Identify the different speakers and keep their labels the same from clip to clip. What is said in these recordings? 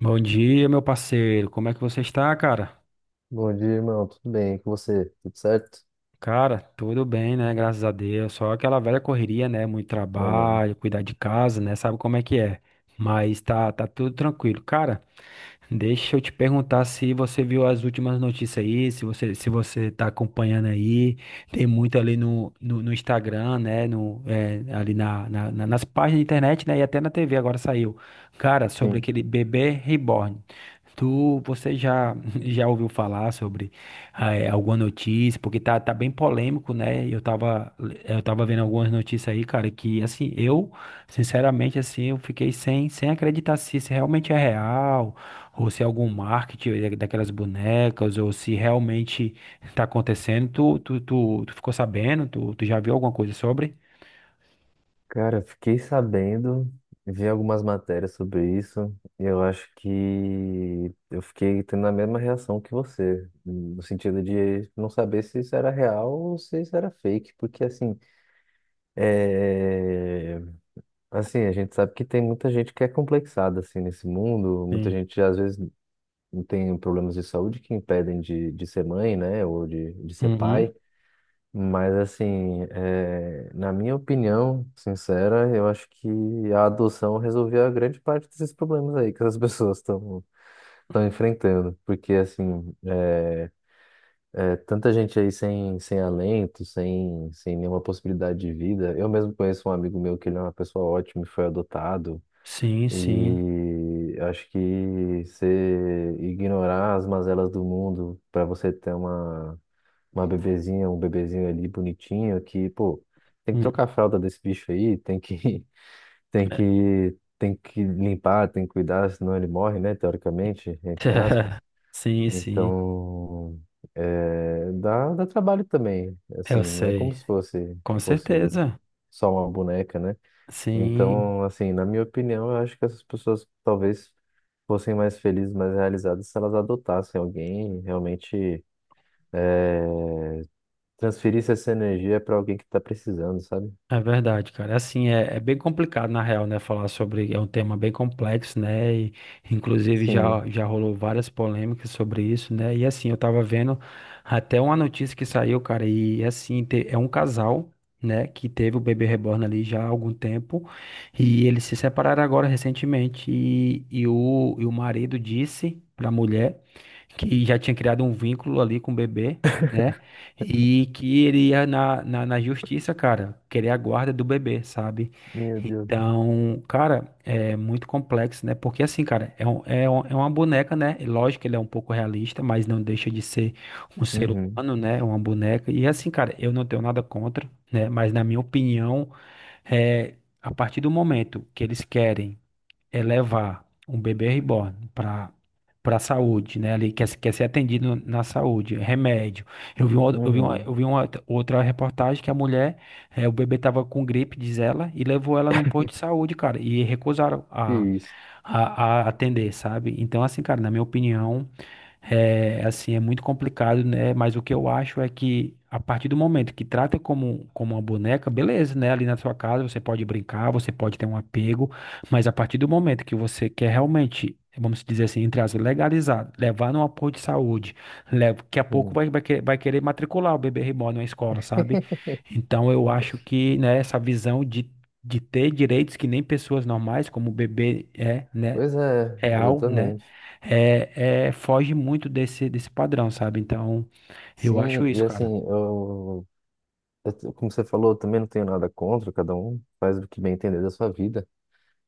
Speaker 1: Bom dia, meu parceiro. Como é que você está, cara?
Speaker 2: Bom dia, irmão. Tudo bem? Com você? Tudo certo?
Speaker 1: Cara, tudo bem, né? Graças a Deus. Só aquela velha correria, né? Muito
Speaker 2: Meu amigo.
Speaker 1: trabalho, cuidar de casa, né? Sabe como é que é. Mas tá tudo tranquilo. Cara, deixa eu te perguntar se você viu as últimas notícias aí, se você está acompanhando aí. Tem muito ali no Instagram, né, no, é, ali nas páginas da internet, né, e até na TV agora saiu, cara, sobre
Speaker 2: Sim.
Speaker 1: aquele bebê reborn. Você já já ouviu falar sobre alguma notícia? Porque tá bem polêmico, né? Eu tava vendo algumas notícias aí, cara, que assim eu Sinceramente, assim, eu fiquei sem acreditar se isso realmente é real, ou se é algum marketing daquelas bonecas, ou se realmente tá acontecendo. Tu ficou sabendo? Tu já viu alguma coisa sobre?
Speaker 2: Cara, eu fiquei sabendo, vi algumas matérias sobre isso, e eu acho que eu fiquei tendo a mesma reação que você, no sentido de não saber se isso era real ou se isso era fake, porque assim, é... assim, a gente sabe que tem muita gente que é complexada assim nesse mundo, muita
Speaker 1: Sim.
Speaker 2: gente às vezes tem problemas de saúde que impedem de ser mãe, né, ou de ser
Speaker 1: Uhum.
Speaker 2: pai. Mas assim, na minha opinião sincera, eu acho que a adoção resolvia a grande parte desses problemas aí que as pessoas estão enfrentando, porque assim, é tanta gente aí sem alento, sem nenhuma possibilidade de vida. Eu mesmo conheço um amigo meu que ele é uma pessoa ótima e foi adotado.
Speaker 1: Sim, sim.
Speaker 2: E acho que você ignorar as mazelas do mundo para você ter uma bebezinha, um bebezinho ali bonitinho que, pô, tem que
Speaker 1: Hum.
Speaker 2: trocar a fralda desse bicho aí, tem que limpar, tem que cuidar, senão ele morre, né, teoricamente, entre aspas.
Speaker 1: Sim, sim.
Speaker 2: Então, dá trabalho também,
Speaker 1: Eu
Speaker 2: assim, não é como
Speaker 1: sei.
Speaker 2: se fosse,
Speaker 1: Com
Speaker 2: fosse
Speaker 1: certeza.
Speaker 2: só uma boneca, né?
Speaker 1: Sim.
Speaker 2: Então, assim, na minha opinião, eu acho que essas pessoas talvez fossem mais felizes, mais realizadas se elas adotassem alguém realmente é, transferir essa energia pra alguém que tá precisando, sabe?
Speaker 1: É verdade, cara. É assim, é bem complicado, na real, né? Falar sobre. É um tema bem complexo, né? E, inclusive,
Speaker 2: Sim,
Speaker 1: já rolou várias polêmicas sobre isso, né? E, assim, eu tava vendo até uma notícia que saiu, cara. E, assim, é um casal, né? Que teve o bebê reborn ali já há algum tempo. E eles se separaram agora recentemente. E o marido disse pra mulher que já tinha criado um vínculo ali com o bebê, né? E que ele ia na justiça, cara, querer a guarda do bebê, sabe?
Speaker 2: meu Deus.
Speaker 1: Então, cara, é muito complexo, né? Porque assim, cara, é uma boneca, né? E lógico que ele é um pouco realista, mas não deixa de ser um ser
Speaker 2: Uhum,
Speaker 1: humano, né? Uma boneca. E assim, cara, eu não tenho nada contra, né? Mas na minha opinião, é, a partir do momento que eles querem é levar um bebê reborn para a saúde, né? Ali quer, se- quer ser atendido na saúde, remédio. Eu vi, uma, eu vi, uma,
Speaker 2: uhum.
Speaker 1: eu vi uma outra reportagem que a mulher, o bebê tava com gripe, diz ela, e levou ela num posto de saúde, cara, e recusaram
Speaker 2: Que
Speaker 1: a,
Speaker 2: isso.
Speaker 1: a, a atender, sabe? Então, assim, cara, na minha opinião. É, assim, é muito complicado, né? Mas o que eu acho é que, a partir do momento que trata como uma boneca, beleza, né? Ali na sua casa você pode brincar, você pode ter um apego, mas a partir do momento que você quer realmente, vamos dizer assim, entre aspas, legalizar, levar num apoio de saúde, leva, daqui a pouco
Speaker 2: Hum.
Speaker 1: vai querer matricular o bebê reborn na escola, sabe? Então eu acho que, né, essa visão De ter direitos que nem pessoas normais, como o bebê é, né?
Speaker 2: Pois é,
Speaker 1: Real, né?
Speaker 2: exatamente.
Speaker 1: É, foge muito desse padrão, sabe? Então, eu acho
Speaker 2: Sim, e
Speaker 1: isso, cara.
Speaker 2: assim, como você falou, eu também não tenho nada contra, cada um faz o que bem entender da sua vida,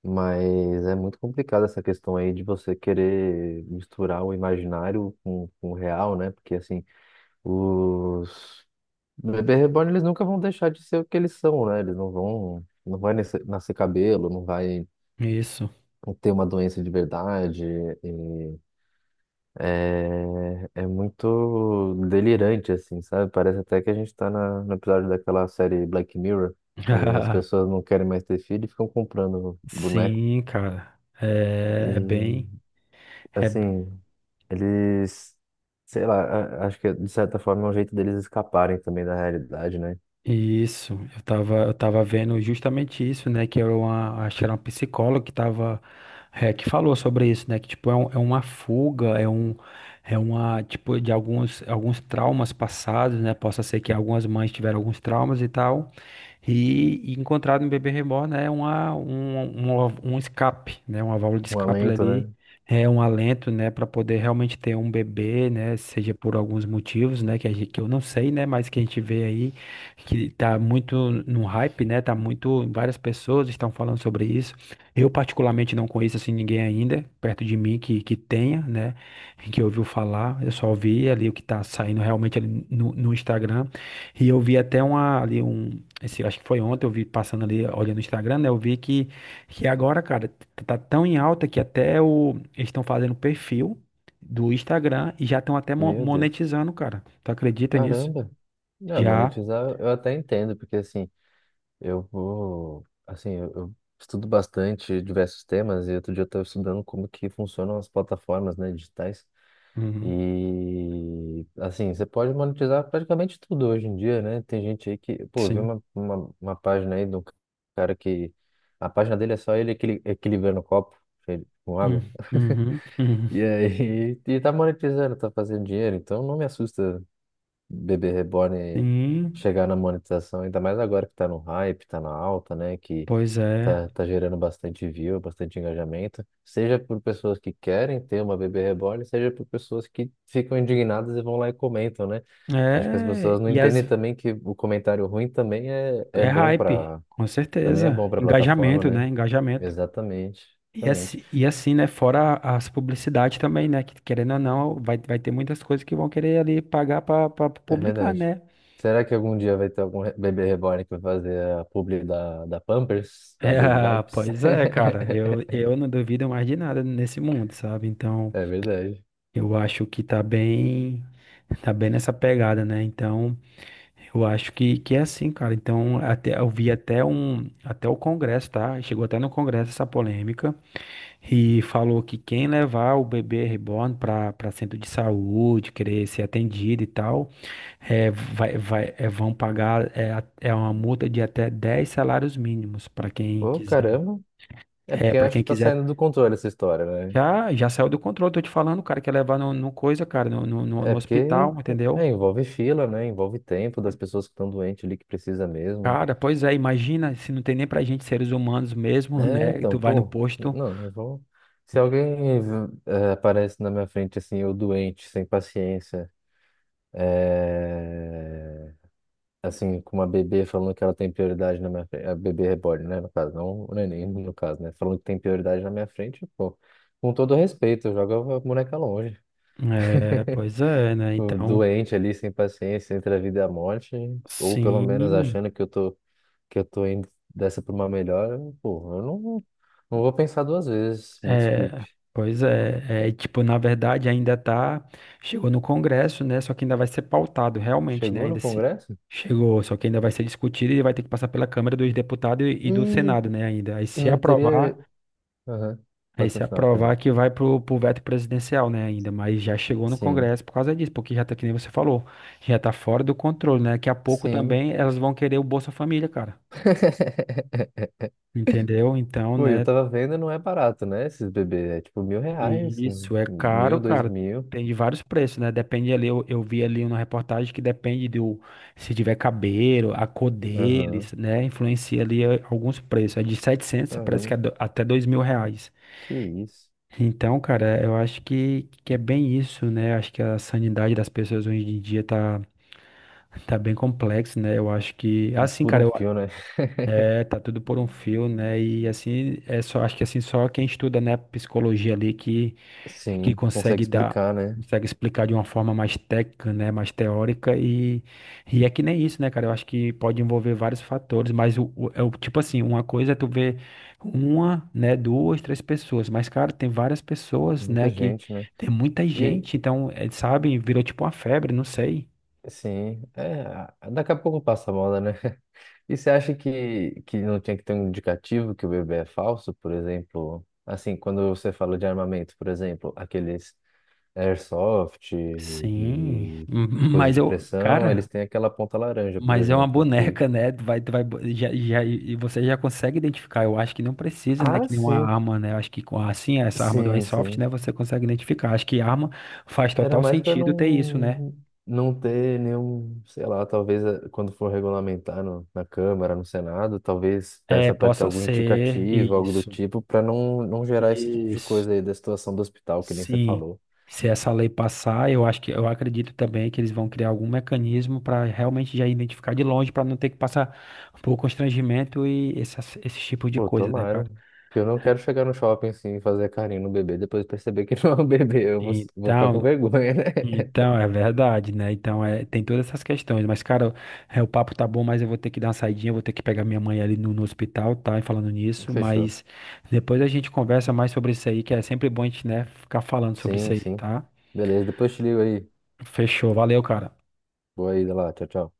Speaker 2: mas é muito complicado essa questão aí de você querer misturar o imaginário com o real, né? Porque assim, os bebê reborn, eles nunca vão deixar de ser o que eles são, né? Eles não vão, não vai nascer, nascer cabelo, não vai
Speaker 1: Isso.
Speaker 2: ter uma doença de verdade. E é, é muito delirante, assim, sabe? Parece até que a gente tá na, no episódio daquela série Black Mirror, onde as pessoas não querem mais ter filho e ficam comprando boneco.
Speaker 1: Sim, cara. É bem.
Speaker 2: E,
Speaker 1: É
Speaker 2: assim, eles, sei lá, a- acho que de certa forma é um jeito deles escaparem também da realidade, né?
Speaker 1: isso. Eu tava vendo justamente isso, né? Que acho que era uma psicóloga que tava, que falou sobre isso, né? Que tipo, é uma fuga, tipo, de alguns traumas passados, né? Possa ser que algumas mães tiveram alguns traumas e tal. E encontrado no bebê reborn é um escape, né? Uma válvula de
Speaker 2: Um
Speaker 1: escape
Speaker 2: alento,
Speaker 1: ali,
Speaker 2: né?
Speaker 1: é um alento, né? Para poder realmente ter um bebê, né? Seja por alguns motivos, né? Que eu não sei, né? Mas que a gente vê aí que tá muito no hype, né? Tá muito, várias pessoas estão falando sobre isso. Eu particularmente não conheço assim ninguém ainda perto de mim que tenha, né? Que ouviu falar. Eu só vi ali o que tá saindo realmente ali no Instagram. E eu vi até uma, ali um esse, acho que foi ontem, eu vi passando ali, olhando no Instagram, né? Eu vi que agora, cara, tá tão em alta que eles estão fazendo perfil do Instagram e já estão até mo-
Speaker 2: Meu Deus.
Speaker 1: monetizando, cara. Tu acredita nisso?
Speaker 2: Caramba. Não,
Speaker 1: Já.
Speaker 2: monetizar eu até entendo, porque assim, eu vou, assim, eu estudo bastante diversos temas e outro dia eu estava estudando como que funcionam as plataformas, né, digitais.
Speaker 1: Uhum,
Speaker 2: E assim, você pode monetizar praticamente tudo hoje em dia, né? Tem gente aí que, pô, eu vi
Speaker 1: sim.
Speaker 2: uma página aí de um cara que a página dele é só ele equilibrando o copo com
Speaker 1: Hum.
Speaker 2: água.
Speaker 1: Uhum, uhum.
Speaker 2: E aí, e tá monetizando, tá fazendo dinheiro, então não me assusta bebê reborn
Speaker 1: Sim,
Speaker 2: chegar na monetização, ainda mais agora que tá no hype, tá na alta, né? Que
Speaker 1: pois é.
Speaker 2: tá, tá gerando bastante view, bastante engajamento, seja por pessoas que querem ter uma bebê reborn, seja por pessoas que ficam indignadas e vão lá e comentam, né? Acho que as
Speaker 1: É,
Speaker 2: pessoas não entendem também que o comentário ruim
Speaker 1: é hype, com
Speaker 2: também é
Speaker 1: certeza.
Speaker 2: bom para a plataforma,
Speaker 1: Engajamento, né?
Speaker 2: né?
Speaker 1: Engajamento.
Speaker 2: Exatamente,
Speaker 1: E
Speaker 2: exatamente.
Speaker 1: assim, e assim, né? Fora as publicidades também, né? Que querendo ou não, vai ter muitas coisas que vão querer ali pagar pra
Speaker 2: É
Speaker 1: publicar,
Speaker 2: verdade.
Speaker 1: né?
Speaker 2: Será que algum dia vai ter bebê reborn que vai fazer a publi da, da Pampers, da
Speaker 1: É,
Speaker 2: Baby
Speaker 1: ah,
Speaker 2: Wipes?
Speaker 1: pois é, cara. Eu, eu não duvido mais de nada nesse mundo, sabe? Então,
Speaker 2: É verdade.
Speaker 1: eu acho que tá bem nessa pegada, né? Então, eu acho que é assim, cara. Então, até, eu vi até o Congresso, tá? Chegou até no Congresso essa polêmica e falou que quem levar o bebê reborn para centro de saúde, querer ser atendido e tal. É, vão pagar, é uma multa de até 10 salários mínimos para quem
Speaker 2: Pô,
Speaker 1: quiser.
Speaker 2: caramba. É
Speaker 1: É,
Speaker 2: porque eu
Speaker 1: para
Speaker 2: acho
Speaker 1: quem
Speaker 2: que tá
Speaker 1: quiser.
Speaker 2: saindo do controle essa história, né?
Speaker 1: Já saiu do controle, tô te falando, cara, que é levar no coisa, cara, no
Speaker 2: É porque
Speaker 1: hospital,
Speaker 2: é,
Speaker 1: entendeu?
Speaker 2: envolve fila, né? Envolve tempo das pessoas que estão doentes ali que precisa mesmo.
Speaker 1: Cara, pois é, imagina se não tem nem pra gente seres humanos mesmo,
Speaker 2: É,
Speaker 1: né?
Speaker 2: então,
Speaker 1: Tu vai no
Speaker 2: pô,
Speaker 1: posto.
Speaker 2: não, eu vou. Se alguém aparece na minha frente assim, eu doente, sem paciência. É... assim, com uma bebê falando que ela tem prioridade na minha frente, a bebê reborn, né, no caso, não o neném, no caso, né, falando que tem prioridade na minha frente, pô, com todo respeito, joga a boneca longe.
Speaker 1: É, pois é, né?
Speaker 2: Tipo,
Speaker 1: Então,
Speaker 2: doente ali, sem paciência, entre a vida e a morte, ou pelo menos
Speaker 1: sim.
Speaker 2: achando que que eu tô indo dessa pra uma melhor, pô, eu não, não vou pensar duas vezes, me
Speaker 1: É,
Speaker 2: desculpe.
Speaker 1: pois é, é, tipo, na verdade ainda tá, chegou no Congresso, né, só que ainda vai ser pautado, realmente, né,
Speaker 2: Chegou no
Speaker 1: ainda se
Speaker 2: Congresso?
Speaker 1: chegou, só que ainda vai ser discutido e vai ter que passar pela Câmara dos Deputados e do
Speaker 2: E,
Speaker 1: Senado, né, ainda, aí
Speaker 2: e
Speaker 1: se
Speaker 2: não
Speaker 1: aprovar,
Speaker 2: teria. Aham,
Speaker 1: aí
Speaker 2: pode
Speaker 1: se
Speaker 2: continuar, perdão.
Speaker 1: aprovar que vai pro veto presidencial, né, ainda, mas já chegou no
Speaker 2: Sim,
Speaker 1: Congresso por causa disso, porque já tá, que nem você falou, já tá fora do controle, né, daqui a pouco
Speaker 2: sim.
Speaker 1: também elas vão querer o Bolsa Família, cara, entendeu? Então,
Speaker 2: Pô, eu
Speaker 1: né,
Speaker 2: tava vendo, não é barato, né? Esses bebês. É tipo 1.000 reais,
Speaker 1: isso. É caro,
Speaker 2: 1.000, dois
Speaker 1: cara.
Speaker 2: mil.
Speaker 1: Tem de vários preços, né? Depende ali, eu vi ali uma reportagem que depende do, se tiver cabelo, a cor
Speaker 2: Aham.
Speaker 1: deles, né? Influencia ali alguns preços. É de 700, parece que é
Speaker 2: Caramba,
Speaker 1: até 2.000 reais.
Speaker 2: que isso.
Speaker 1: Então, cara, eu acho que é bem isso, né? Acho que a sanidade das pessoas hoje em dia tá bem complexo, né? Eu acho que, assim,
Speaker 2: Por
Speaker 1: cara,
Speaker 2: um fio, né?
Speaker 1: tá tudo por um fio, né? E assim, é só, acho que assim, só quem estuda, né, psicologia ali que
Speaker 2: Sim, consegue
Speaker 1: consegue dar,
Speaker 2: explicar, né?
Speaker 1: consegue explicar de uma forma mais técnica, né, mais teórica e é que nem isso, né, cara? Eu acho que pode envolver vários fatores, mas é o tipo assim, uma coisa é tu ver uma, né, duas, três pessoas, mas cara, tem várias pessoas,
Speaker 2: Muita
Speaker 1: né, que
Speaker 2: gente, né?
Speaker 1: tem muita
Speaker 2: E aí,
Speaker 1: gente, então, é, sabe, virou tipo uma febre, não sei.
Speaker 2: sim, é, daqui a pouco passa a moda, né? E você acha que não tinha que ter um indicativo que o bebê é falso, por exemplo? Assim, quando você fala de armamento, por exemplo, aqueles airsoft
Speaker 1: Sim,
Speaker 2: e
Speaker 1: m-
Speaker 2: coisa
Speaker 1: mas
Speaker 2: de
Speaker 1: eu,
Speaker 2: pressão, eles
Speaker 1: cara,
Speaker 2: têm aquela ponta laranja, por
Speaker 1: Mas é uma
Speaker 2: exemplo, que
Speaker 1: boneca, né? Tu vai, bo- já, já, e você já consegue identificar. Eu acho que não precisa, né?
Speaker 2: ah,
Speaker 1: Que nenhuma
Speaker 2: sim,
Speaker 1: arma, né? Eu acho que com assim, essa arma do
Speaker 2: sim,
Speaker 1: iSoft,
Speaker 2: sim.
Speaker 1: né? Você consegue identificar. Acho que arma faz
Speaker 2: Era
Speaker 1: total
Speaker 2: mais para
Speaker 1: sentido ter isso, né?
Speaker 2: não não ter nenhum, sei lá, talvez quando for regulamentar no, na Câmara, no Senado, talvez
Speaker 1: É,
Speaker 2: peça para ter
Speaker 1: possa
Speaker 2: algum
Speaker 1: ser
Speaker 2: indicativo, algo do
Speaker 1: isso.
Speaker 2: tipo, para não, não gerar esse tipo de
Speaker 1: Isso.
Speaker 2: coisa aí da situação do hospital, que nem você
Speaker 1: Sim.
Speaker 2: falou.
Speaker 1: Se essa lei passar, eu acho que eu acredito também que eles vão criar algum mecanismo para realmente já identificar de longe, para não ter que passar por constrangimento e esse tipo de
Speaker 2: Pô,
Speaker 1: coisa, né, cara?
Speaker 2: tomara. Eu não quero chegar no shopping assim e fazer carinho no bebê, depois perceber que não é um bebê, eu vou, vou ficar com
Speaker 1: Então,
Speaker 2: vergonha, né?
Speaker 1: Então, é verdade, né? Então, tem todas essas questões. Mas, cara, o papo tá bom, mas eu vou ter que dar uma saidinha, eu vou ter que pegar minha mãe ali no hospital, tá? E falando nisso,
Speaker 2: Fechou.
Speaker 1: mas depois a gente conversa mais sobre isso aí, que é sempre bom a gente, né, ficar falando sobre isso
Speaker 2: Sim,
Speaker 1: aí,
Speaker 2: sim.
Speaker 1: tá?
Speaker 2: Beleza, depois te ligo aí.
Speaker 1: Fechou, valeu, cara.
Speaker 2: Boa ida lá, tchau, tchau.